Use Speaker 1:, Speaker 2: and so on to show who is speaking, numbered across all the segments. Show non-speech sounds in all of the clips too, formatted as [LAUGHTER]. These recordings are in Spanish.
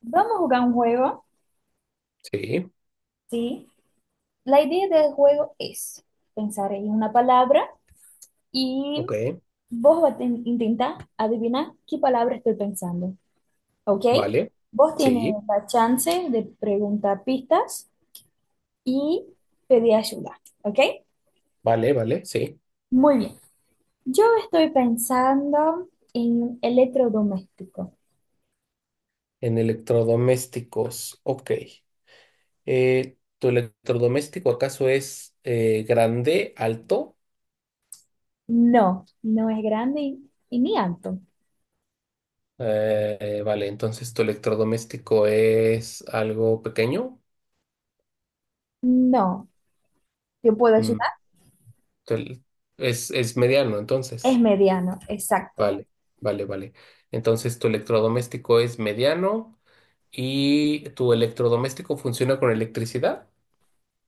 Speaker 1: Vamos a jugar un juego,
Speaker 2: Sí,
Speaker 1: ¿sí? La idea del juego es pensar en una palabra y
Speaker 2: ok,
Speaker 1: vos vas a intentar adivinar qué palabra estoy pensando, ¿ok?
Speaker 2: vale,
Speaker 1: Vos tienes
Speaker 2: sí,
Speaker 1: la chance de preguntar pistas y pedir ayuda, ¿ok?
Speaker 2: vale, vale, sí.
Speaker 1: Muy bien. Yo estoy pensando en electrodoméstico.
Speaker 2: En electrodomésticos, ok. ¿Tu electrodoméstico acaso es grande, alto?
Speaker 1: No, no es grande y ni alto.
Speaker 2: Vale, entonces tu electrodoméstico es algo pequeño.
Speaker 1: No, ¿te puedo
Speaker 2: Mm,
Speaker 1: ayudar?
Speaker 2: tu el- es mediano,
Speaker 1: Es
Speaker 2: entonces.
Speaker 1: mediano, exacto.
Speaker 2: Vale, vale, vale. Entonces tu electrodoméstico es mediano y tu electrodoméstico funciona con electricidad.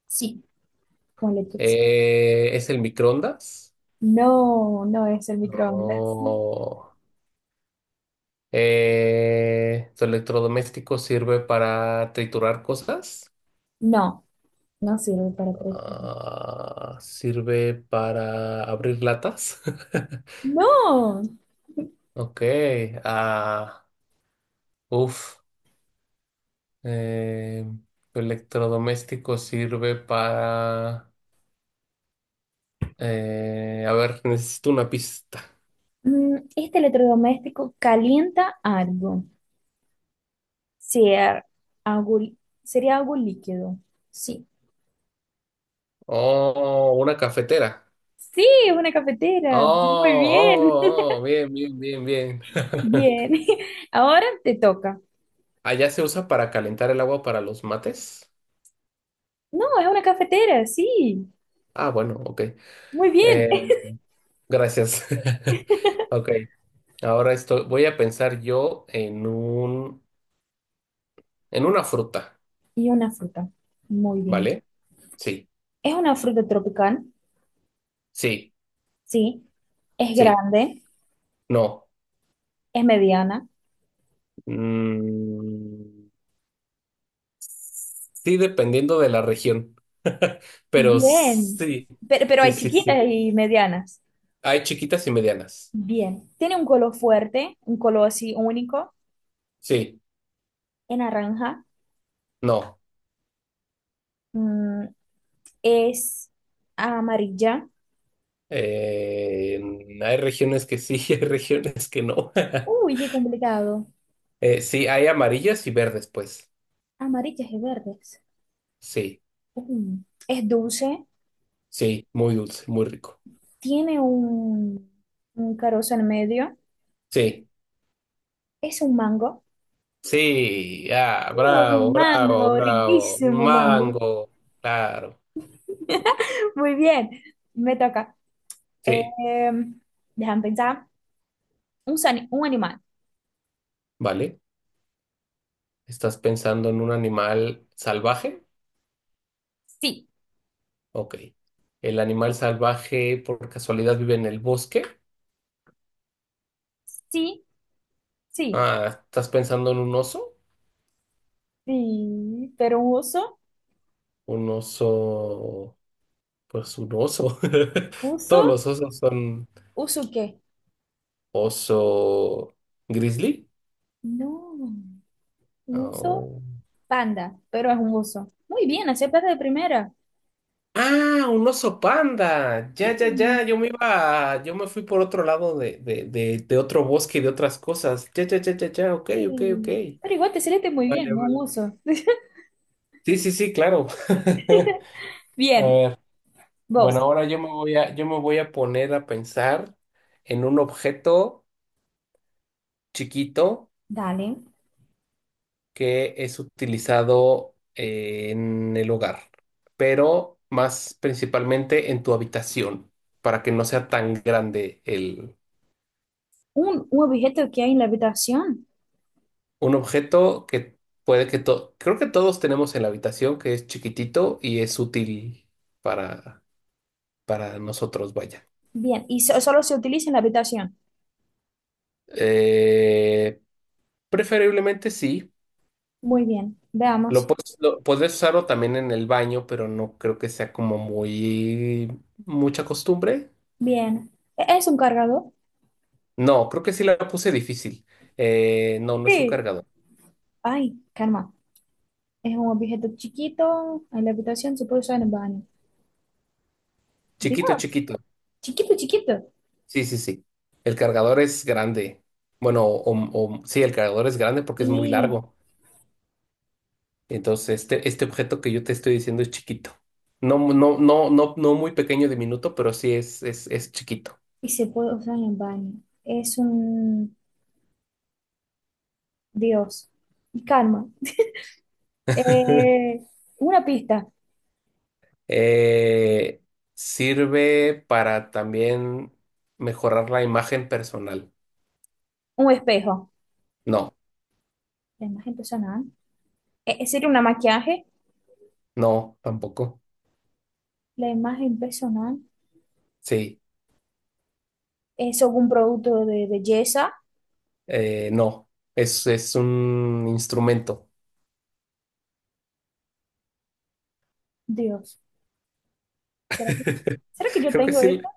Speaker 1: Sí, con electricidad.
Speaker 2: ¿Es el microondas?
Speaker 1: No, no es el microondas.
Speaker 2: Oh. ¿Su electrodoméstico sirve para triturar cosas?
Speaker 1: No, no sirve para presión.
Speaker 2: Ah, ¿sirve para abrir latas? [LAUGHS]
Speaker 1: No.
Speaker 2: Ok. Ah, uf. Eh, ¿tu electrodoméstico sirve para a ver, necesito una pista.
Speaker 1: Este electrodoméstico calienta algo. Sea algo, li- sería algo líquido. Sí.
Speaker 2: Oh, una cafetera.
Speaker 1: Sí, es una
Speaker 2: Oh,
Speaker 1: cafetera. Muy bien.
Speaker 2: oh, oh, oh,
Speaker 1: [LAUGHS]
Speaker 2: bien, bien, bien, bien. [LAUGHS]
Speaker 1: Bien. [LAUGHS] Ahora te toca.
Speaker 2: Allá se usa para calentar el agua para los mates.
Speaker 1: No, es una cafetera, sí.
Speaker 2: Ah, bueno, ok.
Speaker 1: Muy bien.
Speaker 2: Eh,
Speaker 1: [LAUGHS]
Speaker 2: gracias. [LAUGHS] Ok, ahora voy a pensar yo en en una fruta,
Speaker 1: Y una fruta. Muy bien.
Speaker 2: ¿vale? Sí,
Speaker 1: Es una fruta tropical.
Speaker 2: sí,
Speaker 1: Sí. Es
Speaker 2: sí,
Speaker 1: grande.
Speaker 2: no.
Speaker 1: Es mediana.
Speaker 2: Mm, sí, dependiendo de la región, [LAUGHS] pero
Speaker 1: Bien,
Speaker 2: sí,
Speaker 1: pero
Speaker 2: sí,
Speaker 1: hay
Speaker 2: sí, sí.
Speaker 1: chiquitas y medianas.
Speaker 2: Hay chiquitas y medianas.
Speaker 1: Bien, tiene un color fuerte, un color así único,
Speaker 2: Sí,
Speaker 1: en naranja.
Speaker 2: no.
Speaker 1: Mm, es amarilla.
Speaker 2: Eh, hay regiones que sí, [LAUGHS] hay regiones que no. [LAUGHS]
Speaker 1: Uy, qué complicado.
Speaker 2: Sí, hay amarillas y verdes, pues.
Speaker 1: Amarillas y verdes.
Speaker 2: Sí,
Speaker 1: Mm, es dulce,
Speaker 2: sí, muy dulce, muy rico.
Speaker 1: tiene un, un carozo en medio.
Speaker 2: Sí,
Speaker 1: Es un mango.
Speaker 2: sí, ah,
Speaker 1: Es
Speaker 2: bravo,
Speaker 1: un
Speaker 2: bravo,
Speaker 1: mango,
Speaker 2: bravo. Un
Speaker 1: riquísimo mango.
Speaker 2: mango, claro.
Speaker 1: Muy bien, me toca. Eh,
Speaker 2: Sí,
Speaker 1: déjame pensar. Un animal.
Speaker 2: vale. ¿Estás pensando en un animal salvaje?
Speaker 1: Sí,
Speaker 2: Ok. ¿El animal salvaje por casualidad vive en el bosque?
Speaker 1: sí. Sí,
Speaker 2: Ah, ¿estás pensando en un oso?
Speaker 1: sí, pero un oso,
Speaker 2: Un oso, pues un oso. [LAUGHS] Todos
Speaker 1: uso,
Speaker 2: los osos son
Speaker 1: ¿uso qué?
Speaker 2: oso grizzly.
Speaker 1: No, uso
Speaker 2: Oh.
Speaker 1: panda, pero es un oso. Muy bien, aceptaste de primera.
Speaker 2: Ah, un oso panda.
Speaker 1: Sí,
Speaker 2: Ya, ya, ya. Yo me iba, yo me fui por otro lado de otro bosque, de otras cosas. Ya, ya, ya, ya, ya. Ok, ok, ok.
Speaker 1: sí. Pero igual te saliste muy bien,
Speaker 2: Vale,
Speaker 1: no
Speaker 2: vale,
Speaker 1: un
Speaker 2: vale.
Speaker 1: oso. [LAUGHS]
Speaker 2: Sí, sí, sí, claro. [LAUGHS] A
Speaker 1: Bien,
Speaker 2: ver, bueno,
Speaker 1: vos,
Speaker 2: ahora yo me voy a poner a pensar en un objeto chiquito
Speaker 1: dale.
Speaker 2: que es utilizado en el hogar, pero más principalmente en tu habitación, para que no sea tan grande.
Speaker 1: Un objeto que hay en la habitación.
Speaker 2: Un objeto que creo que todos tenemos en la habitación, que es chiquitito y es útil para, para nosotros, vaya.
Speaker 1: Bien, y solo se utiliza en la habitación.
Speaker 2: Eh, preferiblemente sí.
Speaker 1: Muy bien, veamos.
Speaker 2: Puedes usarlo también en el baño, pero no creo que sea como muy mucha costumbre.
Speaker 1: Bien, ¿es un cargador?
Speaker 2: No, creo que sí la puse difícil. No, no
Speaker 1: Sí.
Speaker 2: es un cargador.
Speaker 1: Ay, calma. Es un objeto chiquito en la habitación, se puede usar en el baño.
Speaker 2: Chiquito,
Speaker 1: Dios,
Speaker 2: chiquito.
Speaker 1: chiquito, chiquito.
Speaker 2: Sí, sí, sí. El cargador es grande. Bueno, o, sí, el cargador es grande porque es muy
Speaker 1: Y,
Speaker 2: largo. Entonces, este objeto que yo te estoy diciendo es chiquito. No, no, no, no, no muy pequeño diminuto, pero sí es chiquito.
Speaker 1: y se puede usar en baño. Es un Dios. Y calma. Eh, una pista,
Speaker 2: Eh, sirve para también mejorar la imagen personal.
Speaker 1: un espejo.
Speaker 2: No,
Speaker 1: La imagen personal. Sería una maquillaje.
Speaker 2: no, tampoco.
Speaker 1: La imagen personal
Speaker 2: Sí,
Speaker 1: es algún producto de belleza.
Speaker 2: no. Es un instrumento.
Speaker 1: Dios. ¿Será que,
Speaker 2: [LAUGHS]
Speaker 1: ¿será que yo
Speaker 2: Creo que
Speaker 1: tengo
Speaker 2: sí,
Speaker 1: esto?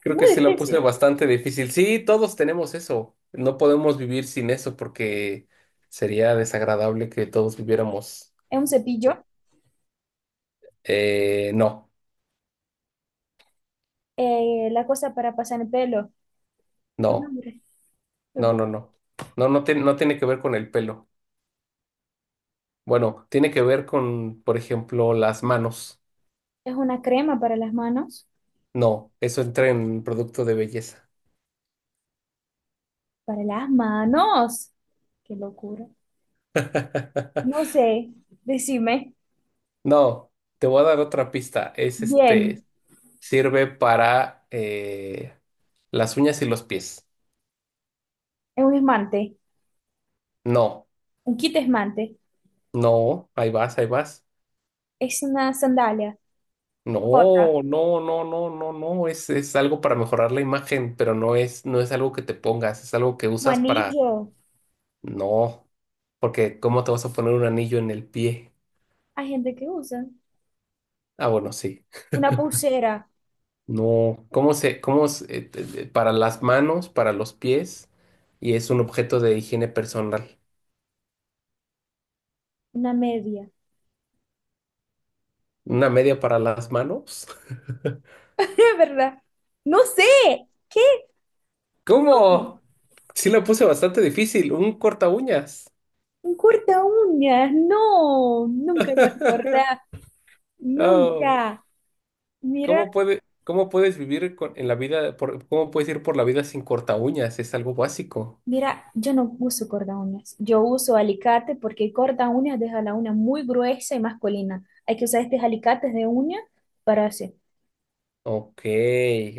Speaker 2: creo que
Speaker 1: Muy
Speaker 2: sí la puse
Speaker 1: difícil.
Speaker 2: bastante difícil. Sí, todos tenemos eso. No podemos vivir sin eso porque sería desagradable que todos viviéramos.
Speaker 1: Es un cepillo.
Speaker 2: No,
Speaker 1: La cosa para pasar el pelo. Bueno,
Speaker 2: no,
Speaker 1: hombre,
Speaker 2: no, no, no. No, no, no tiene que ver con el pelo. Bueno, tiene que ver con, por ejemplo, las manos.
Speaker 1: es una crema para las manos.
Speaker 2: No, eso entra en producto de belleza.
Speaker 1: Para las manos. Qué locura. No
Speaker 2: [LAUGHS]
Speaker 1: sé, decime.
Speaker 2: No, te voy a dar otra pista. Es
Speaker 1: Bien,
Speaker 2: este, sirve para las uñas y los pies.
Speaker 1: es un esmante,
Speaker 2: No,
Speaker 1: un kit esmante,
Speaker 2: no, ahí vas, ahí vas.
Speaker 1: es una sandalia,
Speaker 2: No,
Speaker 1: jota,
Speaker 2: no, no, no, no, no. Es algo para mejorar la imagen, pero no es, no es algo que te pongas, es algo que
Speaker 1: un
Speaker 2: usas para.
Speaker 1: anillo.
Speaker 2: No. Porque ¿cómo te vas a poner un anillo en el pie?
Speaker 1: Hay gente que usa
Speaker 2: Ah, bueno, sí.
Speaker 1: una pulsera,
Speaker 2: No, para las manos, para los pies, y es un objeto de higiene personal?
Speaker 1: una media,
Speaker 2: ¿Una media para las manos? [LAUGHS]
Speaker 1: [LAUGHS] es verdad. No sé, ¿qué? No,
Speaker 2: ¿Cómo? Sí la puse bastante difícil, un corta uñas.
Speaker 1: un corta uñas, no, nunca iba a recordar,
Speaker 2: Oh,
Speaker 1: nunca. Mira.
Speaker 2: cómo puedes vivir con- en la vida, cómo puedes ir por la vida sin corta uñas? Es algo básico.
Speaker 1: Mira, yo no uso corta uñas. Yo uso alicate porque corta uñas deja la uña muy gruesa y masculina. Hay que usar estos alicates de uña para hacer.
Speaker 2: Ok,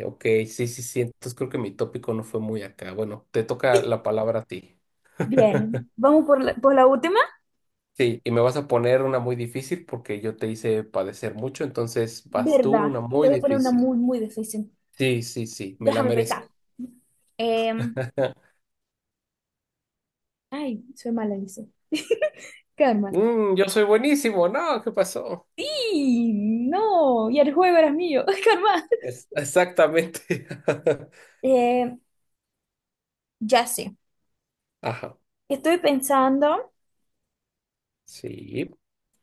Speaker 2: ok, sí, sí, sí. Entonces creo que mi tópico no fue muy acá. Bueno, te toca la palabra a ti.
Speaker 1: Bien, vamos por la última.
Speaker 2: Sí, y me vas a poner una muy difícil porque yo te hice padecer mucho, entonces vas tú
Speaker 1: ¿Verdad?
Speaker 2: una
Speaker 1: Te
Speaker 2: muy
Speaker 1: voy a poner una
Speaker 2: difícil.
Speaker 1: muy difícil.
Speaker 2: Sí, sí, sí, me la
Speaker 1: Déjame
Speaker 2: merezco.
Speaker 1: pensar. Em,
Speaker 2: [LAUGHS]
Speaker 1: ay, soy mala, dice. Karma.
Speaker 2: Mm, yo soy buenísimo, no, ¿qué pasó?
Speaker 1: Sí, no. Y el juego era mío. [LAUGHS] Karma.
Speaker 2: Exactamente. [LAUGHS]
Speaker 1: Eh, ya sé.
Speaker 2: Ajá,
Speaker 1: Estoy pensando
Speaker 2: sí.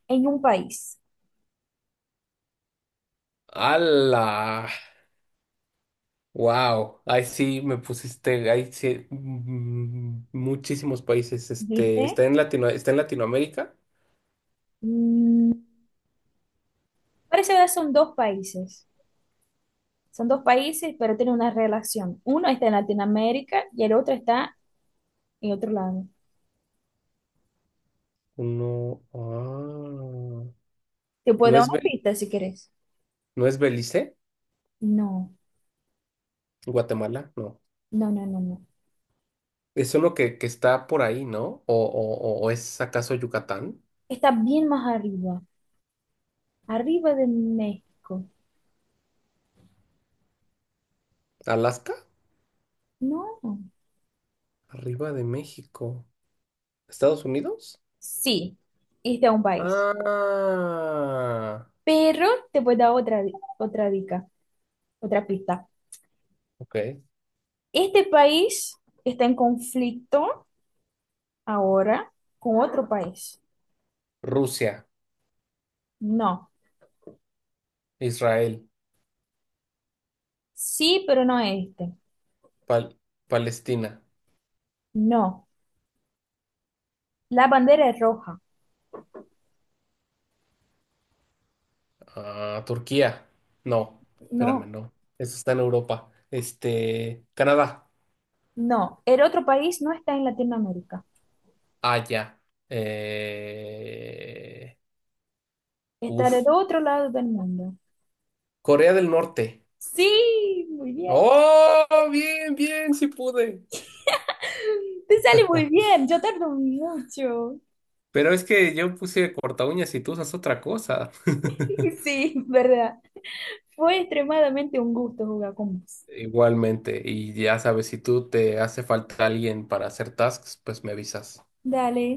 Speaker 1: en un país.
Speaker 2: ¡Hala! Wow, ahí sí me pusiste, ahí sí, mm, muchísimos países, este,
Speaker 1: ¿Viste?
Speaker 2: está en Latinoamérica.
Speaker 1: Mm, parece que son dos países. Son dos países, pero tienen una relación. Uno está en Latinoamérica y el otro está en otro lado.
Speaker 2: No, ah,
Speaker 1: Te puedo
Speaker 2: no
Speaker 1: dar
Speaker 2: es,
Speaker 1: una pista si querés.
Speaker 2: No es Belice,
Speaker 1: No,
Speaker 2: Guatemala, no.
Speaker 1: no, no, no, no.
Speaker 2: Es uno que está por ahí, ¿no? O es acaso Yucatán?
Speaker 1: Está bien más arriba, arriba de México.
Speaker 2: ¿Alaska?
Speaker 1: No,
Speaker 2: Arriba de México. ¿Estados Unidos?
Speaker 1: sí, este es un país.
Speaker 2: Ah,
Speaker 1: Pero te puedo dar otra dica, otra pista.
Speaker 2: ok.
Speaker 1: Este país está en conflicto ahora con otro país.
Speaker 2: Rusia,
Speaker 1: No,
Speaker 2: Israel,
Speaker 1: sí, pero no este.
Speaker 2: Pal- Palestina,
Speaker 1: No, la bandera es roja.
Speaker 2: ah, Turquía. No, espérame,
Speaker 1: No.
Speaker 2: no. Eso está en Europa. Este, Canadá.
Speaker 1: No, el otro país no está en Latinoamérica.
Speaker 2: Allá. Eh,
Speaker 1: Está del
Speaker 2: uf.
Speaker 1: otro lado del mundo.
Speaker 2: Corea del Norte.
Speaker 1: Sí, muy bien.
Speaker 2: ¡Oh! Bien, bien, sí pude.
Speaker 1: [LAUGHS] Te sale muy
Speaker 2: [LAUGHS]
Speaker 1: bien. Yo tardo mucho.
Speaker 2: Pero es que yo puse corta uñas y tú usas otra cosa.
Speaker 1: [LAUGHS]
Speaker 2: [LAUGHS]
Speaker 1: Sí, verdad. Fue extremadamente un gusto jugar con vos.
Speaker 2: Igualmente, y ya sabes, si tú te hace falta alguien para hacer tasks, pues me avisas.
Speaker 1: Dale.